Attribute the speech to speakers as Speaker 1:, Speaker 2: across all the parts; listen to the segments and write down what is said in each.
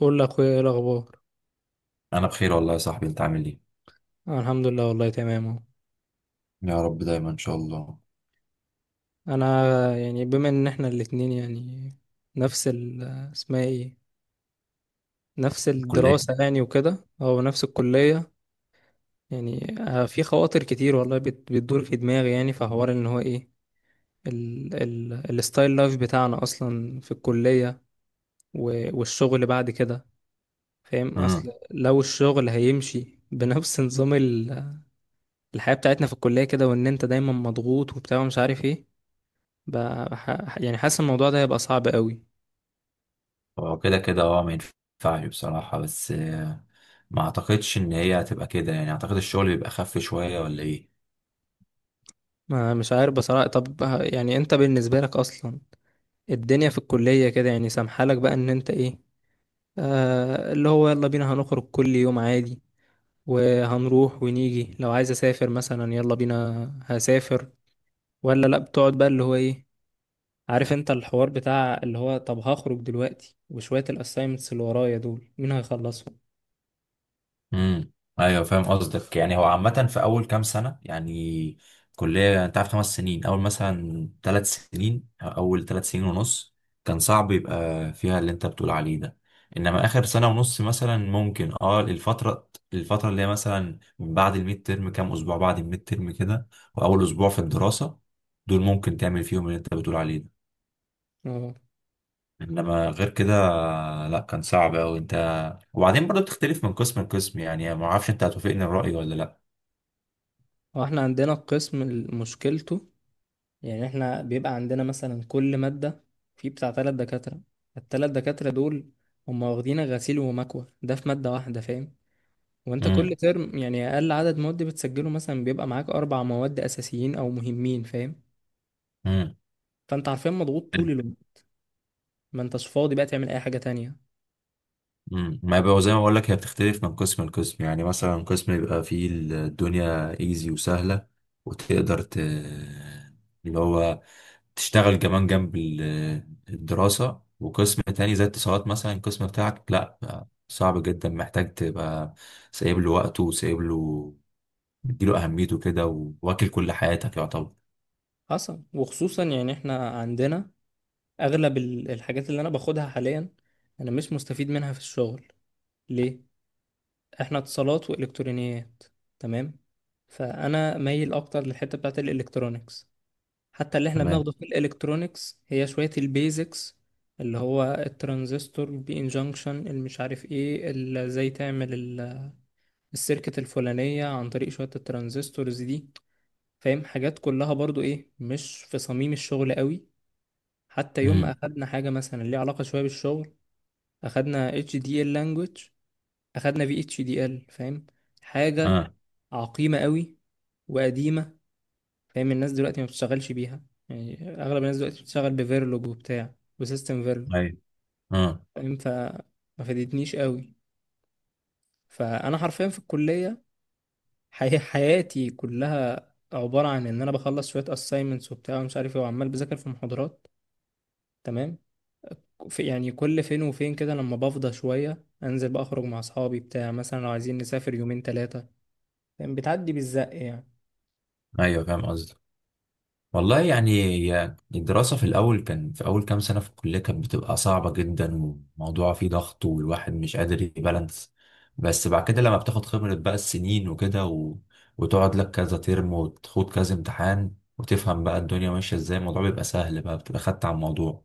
Speaker 1: قول لاخويا ايه الاخبار.
Speaker 2: انا بخير والله يا صاحبي، انت عامل ايه؟
Speaker 1: الحمد لله والله تمام اهو.
Speaker 2: يا رب دايما ان شاء الله.
Speaker 1: انا يعني بما ان احنا الاتنين يعني نفس ال اسمها ايه نفس
Speaker 2: الكليه.
Speaker 1: الدراسة يعني وكده او نفس الكلية. يعني في خواطر كتير والله بتدور في دماغي، يعني في حوار ان هو ايه ال ال الستايل لايف بتاعنا اصلا في الكلية والشغل بعد كده. فاهم اصل
Speaker 2: امم.
Speaker 1: لو الشغل هيمشي بنفس نظام الحياة بتاعتنا في الكلية كده، وان انت دايما مضغوط وبتاع ومش عارف ايه، يعني حاسس الموضوع ده هيبقى صعب قوي.
Speaker 2: هو كده كده ما ينفعش بصراحه، بس ما اعتقدش ان هي هتبقى كده، يعني اعتقد الشغل بيبقى خف شويه ولا ايه.
Speaker 1: ما مش عارف بصراحة. طب يعني انت بالنسبة لك اصلا الدنيا في الكلية كده؟ يعني سامحالك بقى ان انت ايه، آه اللي هو يلا بينا هنخرج كل يوم عادي، وهنروح ونيجي، لو عايز اسافر مثلا يلا بينا هسافر، ولا لا بتقعد بقى اللي هو ايه، عارف انت الحوار بتاع اللي هو طب هخرج دلوقتي وشوية الاسايمنتس اللي ورايا دول مين هيخلصهم.
Speaker 2: امم. ايوه فاهم قصدك، يعني هو عامة في اول كام سنة يعني كلية انت عارف خمس سنين، اول مثلا ثلاث سنين أو اول ثلاث سنين ونص كان صعب يبقى فيها اللي انت بتقول عليه ده. انما اخر سنة ونص مثلا ممكن الفترة اللي هي مثلا من بعد الميد ترم، كام اسبوع بعد الميد ترم كده، واول اسبوع في الدراسة، دول ممكن تعمل فيهم اللي انت بتقول عليه ده.
Speaker 1: اه.
Speaker 2: انما غير كده لا، كان صعب اوي انت. وبعدين برضه بتختلف من قسم لقسم، يعني ما اعرفش انت هتوافقني الرأي ولا لا.
Speaker 1: هو احنا عندنا القسم مشكلته، يعني احنا بيبقى عندنا مثلا كل مادة في بتاع تلات دكاترة. التلات دكاترة دول هم واخدين غسيل ومكوى ده في مادة واحدة، فاهم؟ وانت
Speaker 2: امم.
Speaker 1: كل ترم يعني اقل عدد مواد بتسجله مثلا بيبقى معاك اربع مواد اساسيين او مهمين، فاهم؟
Speaker 2: امم.
Speaker 1: فانت عارفين مضغوط طول الوقت، ما انتش فاضي بقى تعمل اي حاجة تانية.
Speaker 2: امم. ما بقى زي ما بقول لك، هي بتختلف من قسم لقسم، يعني مثلا قسم يبقى فيه الدنيا ايزي وسهله وتقدر اللي هو تشتغل كمان جنب الدراسه، وقسم تاني زي اتصالات مثلا، القسم بتاعك لا بقى صعب جدا، محتاج تبقى سايب له وقته وسايب له مديله اهميته كده، واكل كل حياتك يعتبر.
Speaker 1: حصل، وخصوصا يعني احنا عندنا اغلب الحاجات اللي انا باخدها حاليا انا مش مستفيد منها في الشغل. ليه؟ احنا اتصالات والكترونيات، تمام؟ فانا مايل اكتر للحته بتاعت الالكترونيكس. حتى اللي احنا
Speaker 2: تمام.
Speaker 1: بناخده في الالكترونيكس هي شويه البيزكس، اللي هو الترانزستور البي ان جانكشن المش عارف ايه ازاي تعمل السيركت الفلانيه عن طريق شويه الترانزستورز دي، فاهم؟ حاجات كلها برضو ايه، مش في صميم الشغل قوي. حتى يوم ما
Speaker 2: امم.
Speaker 1: اخدنا حاجه مثلا ليها علاقه شويه بالشغل، اخدنا اتش دي ال language، اخدنا في اتش دي ال، فاهم؟ حاجه
Speaker 2: اه.
Speaker 1: عقيمه قوي وقديمه، فاهم؟ الناس دلوقتي ما بتشتغلش بيها. يعني اغلب الناس دلوقتي بتشتغل بفيرلوج وبتاع وسيستم فيرلوج،
Speaker 2: ايوه. اه.
Speaker 1: فاهم؟ فما فادتنيش قوي. فانا حرفيا في الكليه حياتي كلها عباره عن ان انا بخلص شويه assignments وبتاع ومش عارف ايه، وعمال بذاكر في محاضرات، تمام؟ في يعني كل فين وفين كده لما بفضى شويه انزل بقى اخرج مع اصحابي بتاع، مثلا لو عايزين نسافر يومين ثلاثه. فاهم؟ بتعدي بالزق يعني.
Speaker 2: ايوه فاهم قصدك. والله يعني هي الدراسة في الأول، كان في أول كام سنة في الكلية كانت بتبقى صعبة جدا، والموضوع فيه ضغط والواحد مش قادر يبالانس. بس بعد كده لما بتاخد خبرة بقى السنين وكده و... وتقعد لك كذا ترم وتخوض كذا امتحان وتفهم بقى الدنيا ماشية ازاي، الموضوع بيبقى سهل بقى، بتبقى خدت على الموضوع.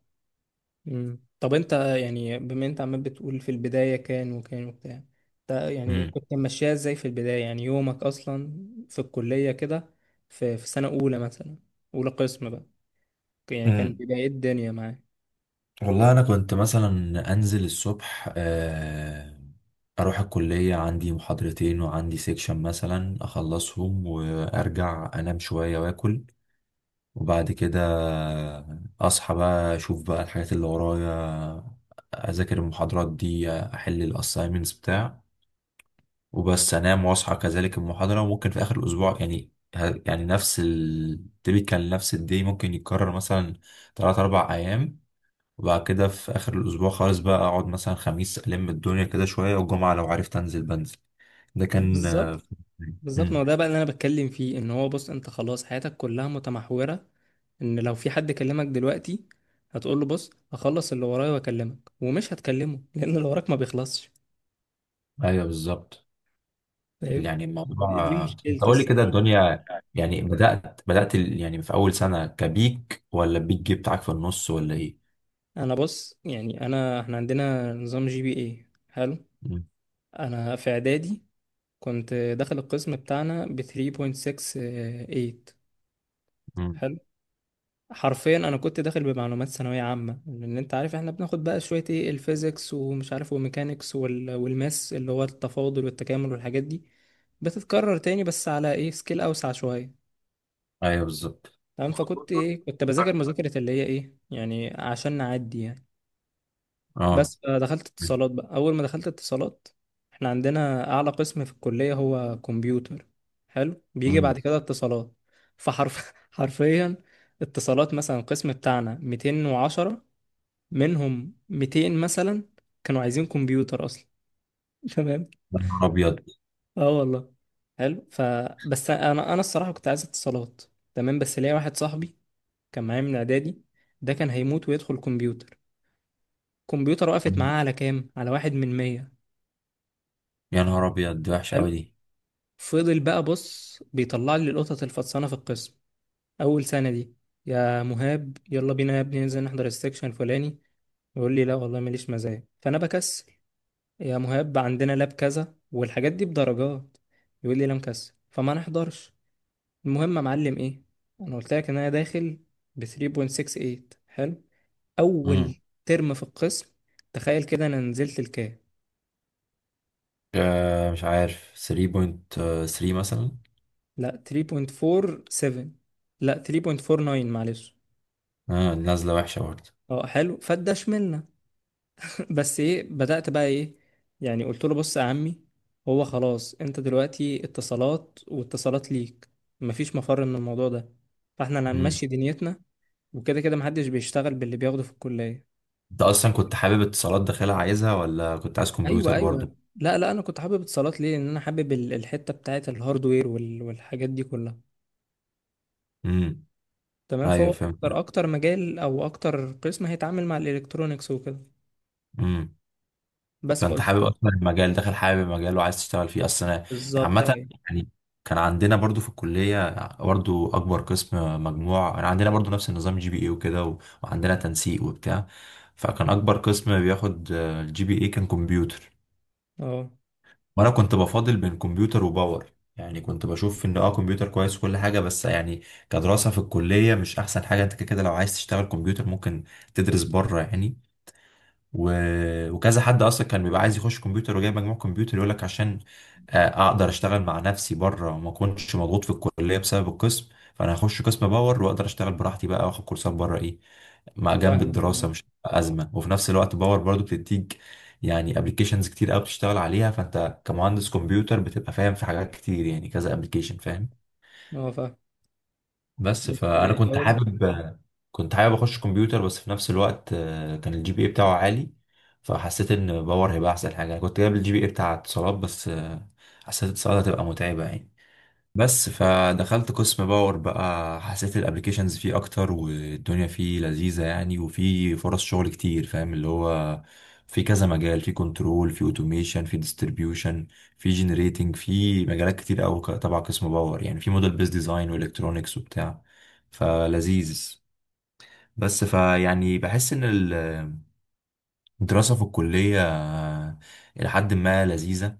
Speaker 1: مم. طب انت يعني بما انت عمال بتقول في البداية كان وكان وبتاع، انت يعني
Speaker 2: مم.
Speaker 1: كنت ماشيها ازاي في البداية؟ يعني يومك اصلا في الكلية كده، في سنة اولى مثلا، اولى قسم بقى، يعني كان
Speaker 2: امم.
Speaker 1: بداية الدنيا معاك.
Speaker 2: والله أنا كنت مثلا أنزل الصبح أروح الكلية، عندي محاضرتين وعندي سيكشن مثلا أخلصهم، وأرجع أنام شوية وآكل، وبعد كده اصحى بقى اشوف بقى الحاجات اللي ورايا، اذاكر المحاضرات دي، احل الاساينمنتس بتاع، وبس انام واصحى كذلك المحاضره، وممكن في اخر الاسبوع يعني نفس التبيكال نفس الدي ممكن يتكرر مثلا تلات اربع ايام. وبعد كده في اخر الاسبوع خالص بقى اقعد مثلا خميس الم الدنيا كده شويه، والجمعه لو عرفت انزل بنزل. ده كان.
Speaker 1: بالظبط. بالظبط، ما
Speaker 2: مم.
Speaker 1: هو ده بقى اللي انا بتكلم فيه، ان هو بص انت خلاص حياتك كلها متمحورة ان لو في حد كلمك دلوقتي هتقول له بص هخلص اللي ورايا واكلمك، ومش هتكلمه لان اللي وراك ما بيخلصش،
Speaker 2: ايوه بالظبط.
Speaker 1: فاهم؟
Speaker 2: يعني
Speaker 1: دي
Speaker 2: الموضوع انت
Speaker 1: مشكلتي
Speaker 2: قول لي كده
Speaker 1: الصراحة.
Speaker 2: الدنيا، يعني بدأت يعني في أول سنة كبيك ولا البيك جي بتاعك في النص ولا إيه؟
Speaker 1: انا بص يعني، انا احنا عندنا نظام جي بي اي، حلو.
Speaker 2: مم.
Speaker 1: انا في اعدادي كنت داخل القسم بتاعنا ب 3.68،
Speaker 2: مم.
Speaker 1: حلو. حرفيا انا كنت داخل بمعلومات ثانويه عامه، لان انت عارف احنا بناخد بقى شويه ايه الفيزيكس ومش عارف وميكانيكس وال... والماس اللي هو التفاضل والتكامل والحاجات دي، بتتكرر تاني بس على ايه سكيل اوسع شويه،
Speaker 2: أيوه بالظبط.
Speaker 1: تمام؟ فكنت ايه، كنت بذاكر
Speaker 2: عارف.
Speaker 1: مذاكره اللي هي ايه يعني عشان نعدي يعني.
Speaker 2: أه.
Speaker 1: بس دخلت اتصالات بقى، اول ما دخلت اتصالات، احنا عندنا اعلى قسم في الكلية هو كمبيوتر، حلو، بيجي
Speaker 2: مم.
Speaker 1: بعد كده اتصالات. حرفيا اتصالات مثلا القسم بتاعنا 210، منهم 200 مثلا كانوا عايزين كمبيوتر اصلا. تمام.
Speaker 2: يا نهار أبيض.
Speaker 1: اه والله، حلو. فبس انا الصراحة كنت عايز اتصالات، تمام؟ بس ليا واحد صاحبي كان معايا من اعدادي، ده كان هيموت ويدخل كمبيوتر. كمبيوتر
Speaker 2: مم.
Speaker 1: وقفت معاه على كام، على واحد من مية.
Speaker 2: يا نهار أبيض، دي وحشة
Speaker 1: حلو.
Speaker 2: أوي دي.
Speaker 1: فضل بقى بص بيطلع لي القطط الفطسانه في القسم اول سنه دي: يا مهاب يلا بينا يا ابني ننزل نحضر السكشن الفلاني، يقول لي لا والله ماليش مزاج، فانا بكسل. يا مهاب عندنا لاب كذا والحاجات دي بدرجات، يقول لي لا مكسل، فما نحضرش. المهم يا معلم ايه، انا قلت لك ان انا داخل ب 3.68، حلو. اول
Speaker 2: مم.
Speaker 1: ترم في القسم تخيل كده انا نزلت لكام؟
Speaker 2: آه مش عارف 3.3 مثلا.
Speaker 1: لا 3.47، لا 3.49 معلش.
Speaker 2: آه نازلة وحشة برضه.
Speaker 1: اه حلو، فدشملنا. بس ايه، بدأت بقى ايه، يعني قلت له بص يا عمي هو خلاص انت دلوقتي اتصالات واتصالات ليك، مفيش مفر من الموضوع ده، فاحنا اللي
Speaker 2: مم.
Speaker 1: هنمشي دنيتنا، وكده كده محدش بيشتغل باللي بياخده في الكلية.
Speaker 2: أنت أصلا كنت حابب اتصالات داخلها عايزها ولا كنت عايز
Speaker 1: ايوه،
Speaker 2: كمبيوتر
Speaker 1: ايوه.
Speaker 2: برضه؟
Speaker 1: لا انا كنت حابب اتصالات. ليه؟ لان انا حابب الحتة بتاعت الهاردوير والحاجات دي كلها،
Speaker 2: مم.
Speaker 1: تمام؟ فهو
Speaker 2: أيوه فهمت.
Speaker 1: اكتر، اكتر مجال او اكتر قسم هيتعامل مع الالكترونيكس وكده. بس
Speaker 2: فانت
Speaker 1: فقلت له
Speaker 2: حابب اصلا المجال، داخل حابب المجال وعايز تشتغل فيه اصلا.
Speaker 1: بالظبط
Speaker 2: عامه
Speaker 1: ايوه.
Speaker 2: يعني كان عندنا برضو في الكليه، برضو اكبر قسم مجموع، انا عندنا برضو نفس النظام جي بي اي وكده وعندنا تنسيق وبتاع، فكان اكبر قسم بياخد الجي بي اي كان كمبيوتر.
Speaker 1: اه
Speaker 2: وانا كنت بفاضل بين كمبيوتر وباور، يعني كنت بشوف ان اه كمبيوتر كويس وكل حاجه، بس يعني كدراسه في الكليه مش احسن حاجه، انت كده كده لو عايز تشتغل كمبيوتر ممكن تدرس بره يعني و... وكذا حد اصلا كان بيبقى عايز يخش كمبيوتر وجايب مجموع كمبيوتر يقول لك عشان اقدر اشتغل مع نفسي بره وما اكونش مضغوط في الكليه بسبب القسم، فانا هخش قسم باور واقدر اشتغل براحتي بقى، واخد كورسات بره ايه مع جنب
Speaker 1: فاهمك
Speaker 2: الدراسه
Speaker 1: اه.
Speaker 2: مش هتبقى ازمه، وفي نفس الوقت باور برضو بتديك يعني ابلكيشنز كتير قوي بتشتغل عليها، فانت كمهندس كمبيوتر بتبقى فاهم في حاجات كتير، يعني كذا ابلكيشن فاهم.
Speaker 1: آه، فاهم.
Speaker 2: بس
Speaker 1: بس
Speaker 2: فانا
Speaker 1: إيه،
Speaker 2: كنت
Speaker 1: هو
Speaker 2: حابب كنت حابب اخش كمبيوتر، بس في نفس الوقت كان الجي بي اي بتاعه عالي، فحسيت ان باور هيبقى احسن حاجه. أنا كنت جايب الجي بي اي بتاع اتصالات، بس حسيت اتصالات هتبقى متعبه يعني. بس فدخلت قسم باور بقى، حسيت الابليكيشنز فيه اكتر والدنيا فيه لذيذة يعني، وفي فرص شغل كتير فاهم اللي هو، في كذا مجال، في كنترول، في اوتوميشن، في ديستريبيوشن، في جنريتنج، في مجالات كتير قوي تبع قسم باور، يعني في موديل بيز ديزاين والكترونكس وبتاع، فلذيذ. بس فيعني بحس ان الدراسة في الكلية إلى حد ما لذيذة،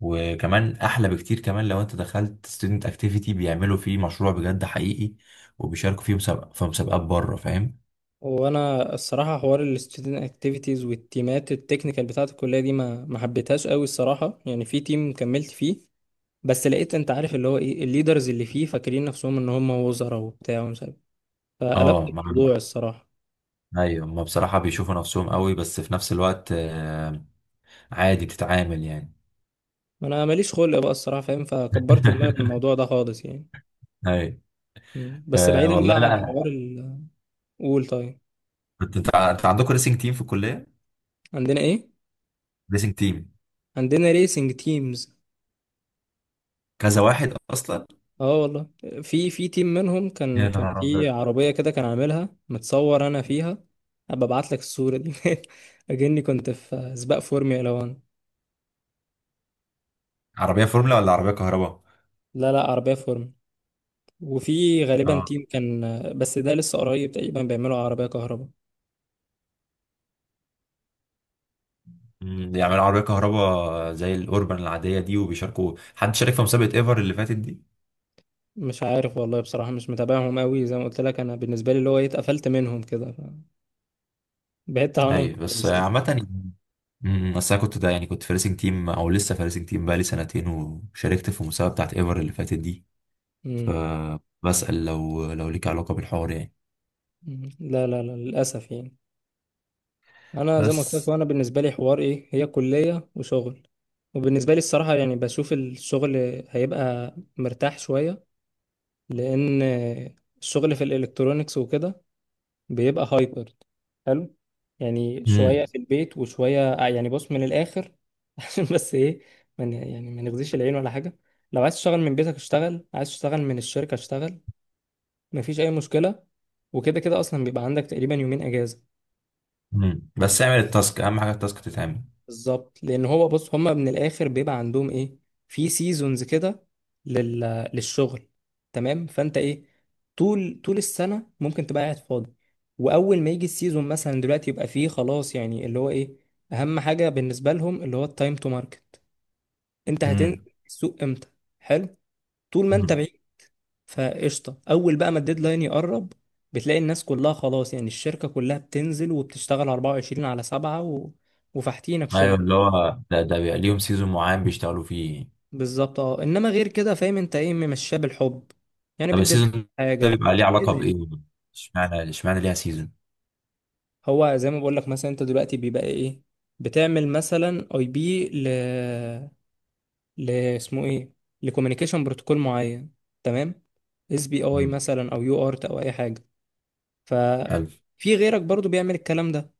Speaker 2: وكمان احلى بكتير كمان لو انت دخلت ستودنت اكتيفيتي، بيعملوا فيه مشروع بجد حقيقي، وبيشاركوا فيه مسابقة في مسابقات بره فاهم.
Speaker 1: وانا الصراحه حوار الستودنت اكتيفيتيز والتيمات التكنيكال بتاعه الكليه دي ما حبيتهاش قوي الصراحه. يعني في تيم كملت فيه، بس لقيت انت عارف اللي هو ايه الليدرز اللي فيه فاكرين نفسهم ان هم وزراء وبتاع ومش عارف، فقلبت
Speaker 2: اه. مع.
Speaker 1: الموضوع الصراحه.
Speaker 2: ايوه، ما بصراحة بيشوفوا نفسهم قوي، بس في نفس الوقت عادي بتتعامل يعني.
Speaker 1: انا ماليش خلق بقى الصراحه، فاهم؟ فكبرت دماغي من الموضوع ده خالص يعني.
Speaker 2: ايوه.
Speaker 1: مم. بس بعيدا
Speaker 2: والله
Speaker 1: بقى عن
Speaker 2: لا.
Speaker 1: حوار ال، قول طيب.
Speaker 2: انت عندكم ريسنج تيم في الكلية؟
Speaker 1: عندنا ايه؟
Speaker 2: ريسنج تيم.
Speaker 1: عندنا ريسنج تيمز
Speaker 2: كذا واحد اصلا؟
Speaker 1: اه والله. في في تيم منهم كان،
Speaker 2: يا
Speaker 1: كان
Speaker 2: نهار
Speaker 1: في
Speaker 2: أبيض.
Speaker 1: عربية كده كان عاملها متصور انا فيها، هبقى ابعت لك الصورة دي اجني كنت في سباق فورمولا 1.
Speaker 2: عربية فورمولا ولا عربية كهرباء؟
Speaker 1: لا لا عربية فورمولا. وفي غالبا
Speaker 2: اه.
Speaker 1: تيم كان، بس ده لسه قريب تقريبا، بيعملوا عربية كهرباء.
Speaker 2: أمم، بيعملوا عربية كهرباء زي الأوربان العادية دي، وبيشاركوا؟ حد شارك في مسابقة ايفر اللي فاتت دي؟
Speaker 1: مش عارف والله بصراحة، مش متابعهم قوي زي ما قلت لك، انا بالنسبة لي اللي هو إيه، اتقفلت منهم كده، ف- بعدت عنهم
Speaker 2: ايوه بس
Speaker 1: خالص يعني.
Speaker 2: عامة يعني. أمم، بس انا كنت ده، يعني كنت فارسنج تيم او لسه فارسنج تيم بقالي سنتين، وشاركت في المسابقة بتاعت ايفر اللي فاتت دي،
Speaker 1: أمم.
Speaker 2: فبسأل لو ليك علاقة بالحوار يعني.
Speaker 1: أمم. لا لا لا للأسف يعني. انا زي ما قلت لك،
Speaker 2: بس.
Speaker 1: وانا بالنسبه لي حوار ايه، هي كليه وشغل. وبالنسبه لي الصراحه يعني بشوف الشغل هيبقى مرتاح شويه، لان الشغل في الالكترونيكس وكده بيبقى هايبر، حلو، يعني شويه
Speaker 2: امم.
Speaker 1: في البيت وشويه آه، يعني بص من الاخر عشان بس ايه، من يعني ما نغزيش العين ولا حاجه. لو عايز تشتغل من بيتك اشتغل، عايز تشتغل من الشركه اشتغل، مفيش اي مشكله. وكده كده اصلا بيبقى عندك تقريبا يومين اجازه.
Speaker 2: امم. بس اعمل التاسك، اهم حاجة التاسك تتعمل.
Speaker 1: بالظبط، لان هو بص هما من الاخر بيبقى عندهم ايه، في سيزونز كده لل... للشغل، تمام؟ فانت ايه، طول السنه ممكن تبقى قاعد فاضي، واول ما يجي السيزون مثلا دلوقتي يبقى فيه خلاص، يعني اللي هو ايه، اهم حاجه بالنسبه لهم اللي هو التايم تو ماركت، انت هتنزل
Speaker 2: امم.
Speaker 1: السوق امتى، حلو. طول ما انت
Speaker 2: امم.
Speaker 1: بعيد فقشطه. اول بقى ما الديدلاين يقرب، بتلاقي الناس كلها خلاص يعني الشركه كلها بتنزل وبتشتغل 24 على 7 و... وفاحتينك
Speaker 2: ايوه،
Speaker 1: شغل.
Speaker 2: اللي هو ده بيبقى ليهم سيزون معين بيشتغلوا فيه.
Speaker 1: بالظبط اه. انما غير كده فاهم انت ايه، ممشاه بالحب يعني،
Speaker 2: طب
Speaker 1: بتدفع
Speaker 2: السيزون ده
Speaker 1: حاجه
Speaker 2: بيبقى ليه علاقة
Speaker 1: كده يعني.
Speaker 2: بايه؟ اشمعنى ليها سيزون؟
Speaker 1: هو زي ما بقول لك، مثلا انت دلوقتي بيبقى ايه، بتعمل مثلا اي بي ل ل اسمه ايه لكوميونيكيشن بروتوكول معين، تمام؟ اس بي اي
Speaker 2: امم.
Speaker 1: مثلا او يو ارت او اي حاجه.
Speaker 2: حلو.
Speaker 1: ففي غيرك برضو بيعمل الكلام ده،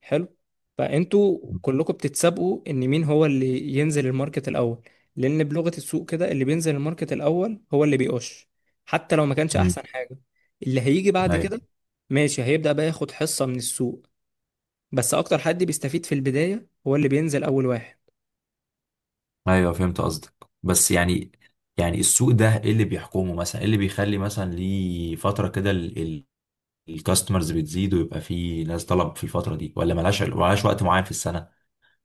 Speaker 1: حلو. فانتوا كلكم بتتسابقوا ان مين هو اللي ينزل الماركت الاول، لان بلغة السوق كده اللي بينزل الماركت الاول هو اللي بيقش، حتى لو ما كانش
Speaker 2: امم.
Speaker 1: احسن حاجة. اللي هيجي بعد
Speaker 2: ايوه.
Speaker 1: كده ماشي هيبدأ بقى ياخد حصة من السوق، بس اكتر حد بيستفيد في البداية هو اللي بينزل اول واحد.
Speaker 2: ايوه فهمت قصدك، بس يعني السوق ده ايه اللي بيحكمه؟ مثلا ايه اللي بيخلي مثلا ليه فتره كده الكاستمرز بتزيد ويبقى فيه ناس طلب في الفتره دي؟ ولا ملهاش وقت معين في السنه؟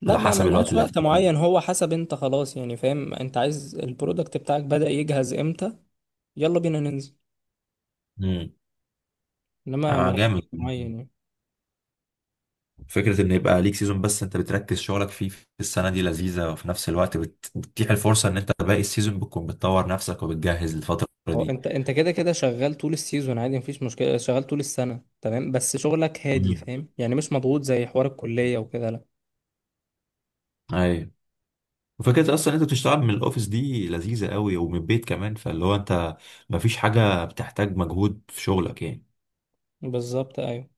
Speaker 1: لا
Speaker 2: على
Speaker 1: ما
Speaker 2: حسب الوقت
Speaker 1: ملهاش
Speaker 2: اللي
Speaker 1: وقت
Speaker 2: هتبقى
Speaker 1: معين،
Speaker 2: فيه.
Speaker 1: هو حسب انت خلاص يعني، فاهم انت عايز البرودكت بتاعك بدأ يجهز امتى، يلا بينا ننزل.
Speaker 2: امم.
Speaker 1: انما
Speaker 2: آه
Speaker 1: ملهاش
Speaker 2: جامد،
Speaker 1: وقت معين يعني.
Speaker 2: فكره ان يبقى ليك سيزون بس انت بتركز شغلك فيه في السنه دي لذيذه، وفي نفس الوقت بتتيح الفرصه ان انت باقي السيزون بتكون بتطور نفسك وبتجهز للفتره
Speaker 1: هو
Speaker 2: دي.
Speaker 1: انت انت كده كده شغال طول السيزون عادي مفيش مشكله، شغال طول السنه تمام، بس شغلك هادي،
Speaker 2: امم.
Speaker 1: فاهم؟ يعني مش مضغوط زي حوار الكليه وكده، لا.
Speaker 2: ايوه. وفكرة أصلا أنت بتشتغل من الأوفيس دي لذيذة قوي، ومن البيت كمان، فاللي هو أنت مفيش حاجة بتحتاج مجهود في شغلك يعني.
Speaker 1: بالظبط ايوه.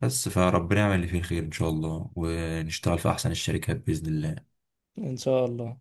Speaker 2: بس فربنا يعمل اللي فيه الخير إن شاء الله، ونشتغل في أحسن الشركات بإذن الله.
Speaker 1: ان شاء الله.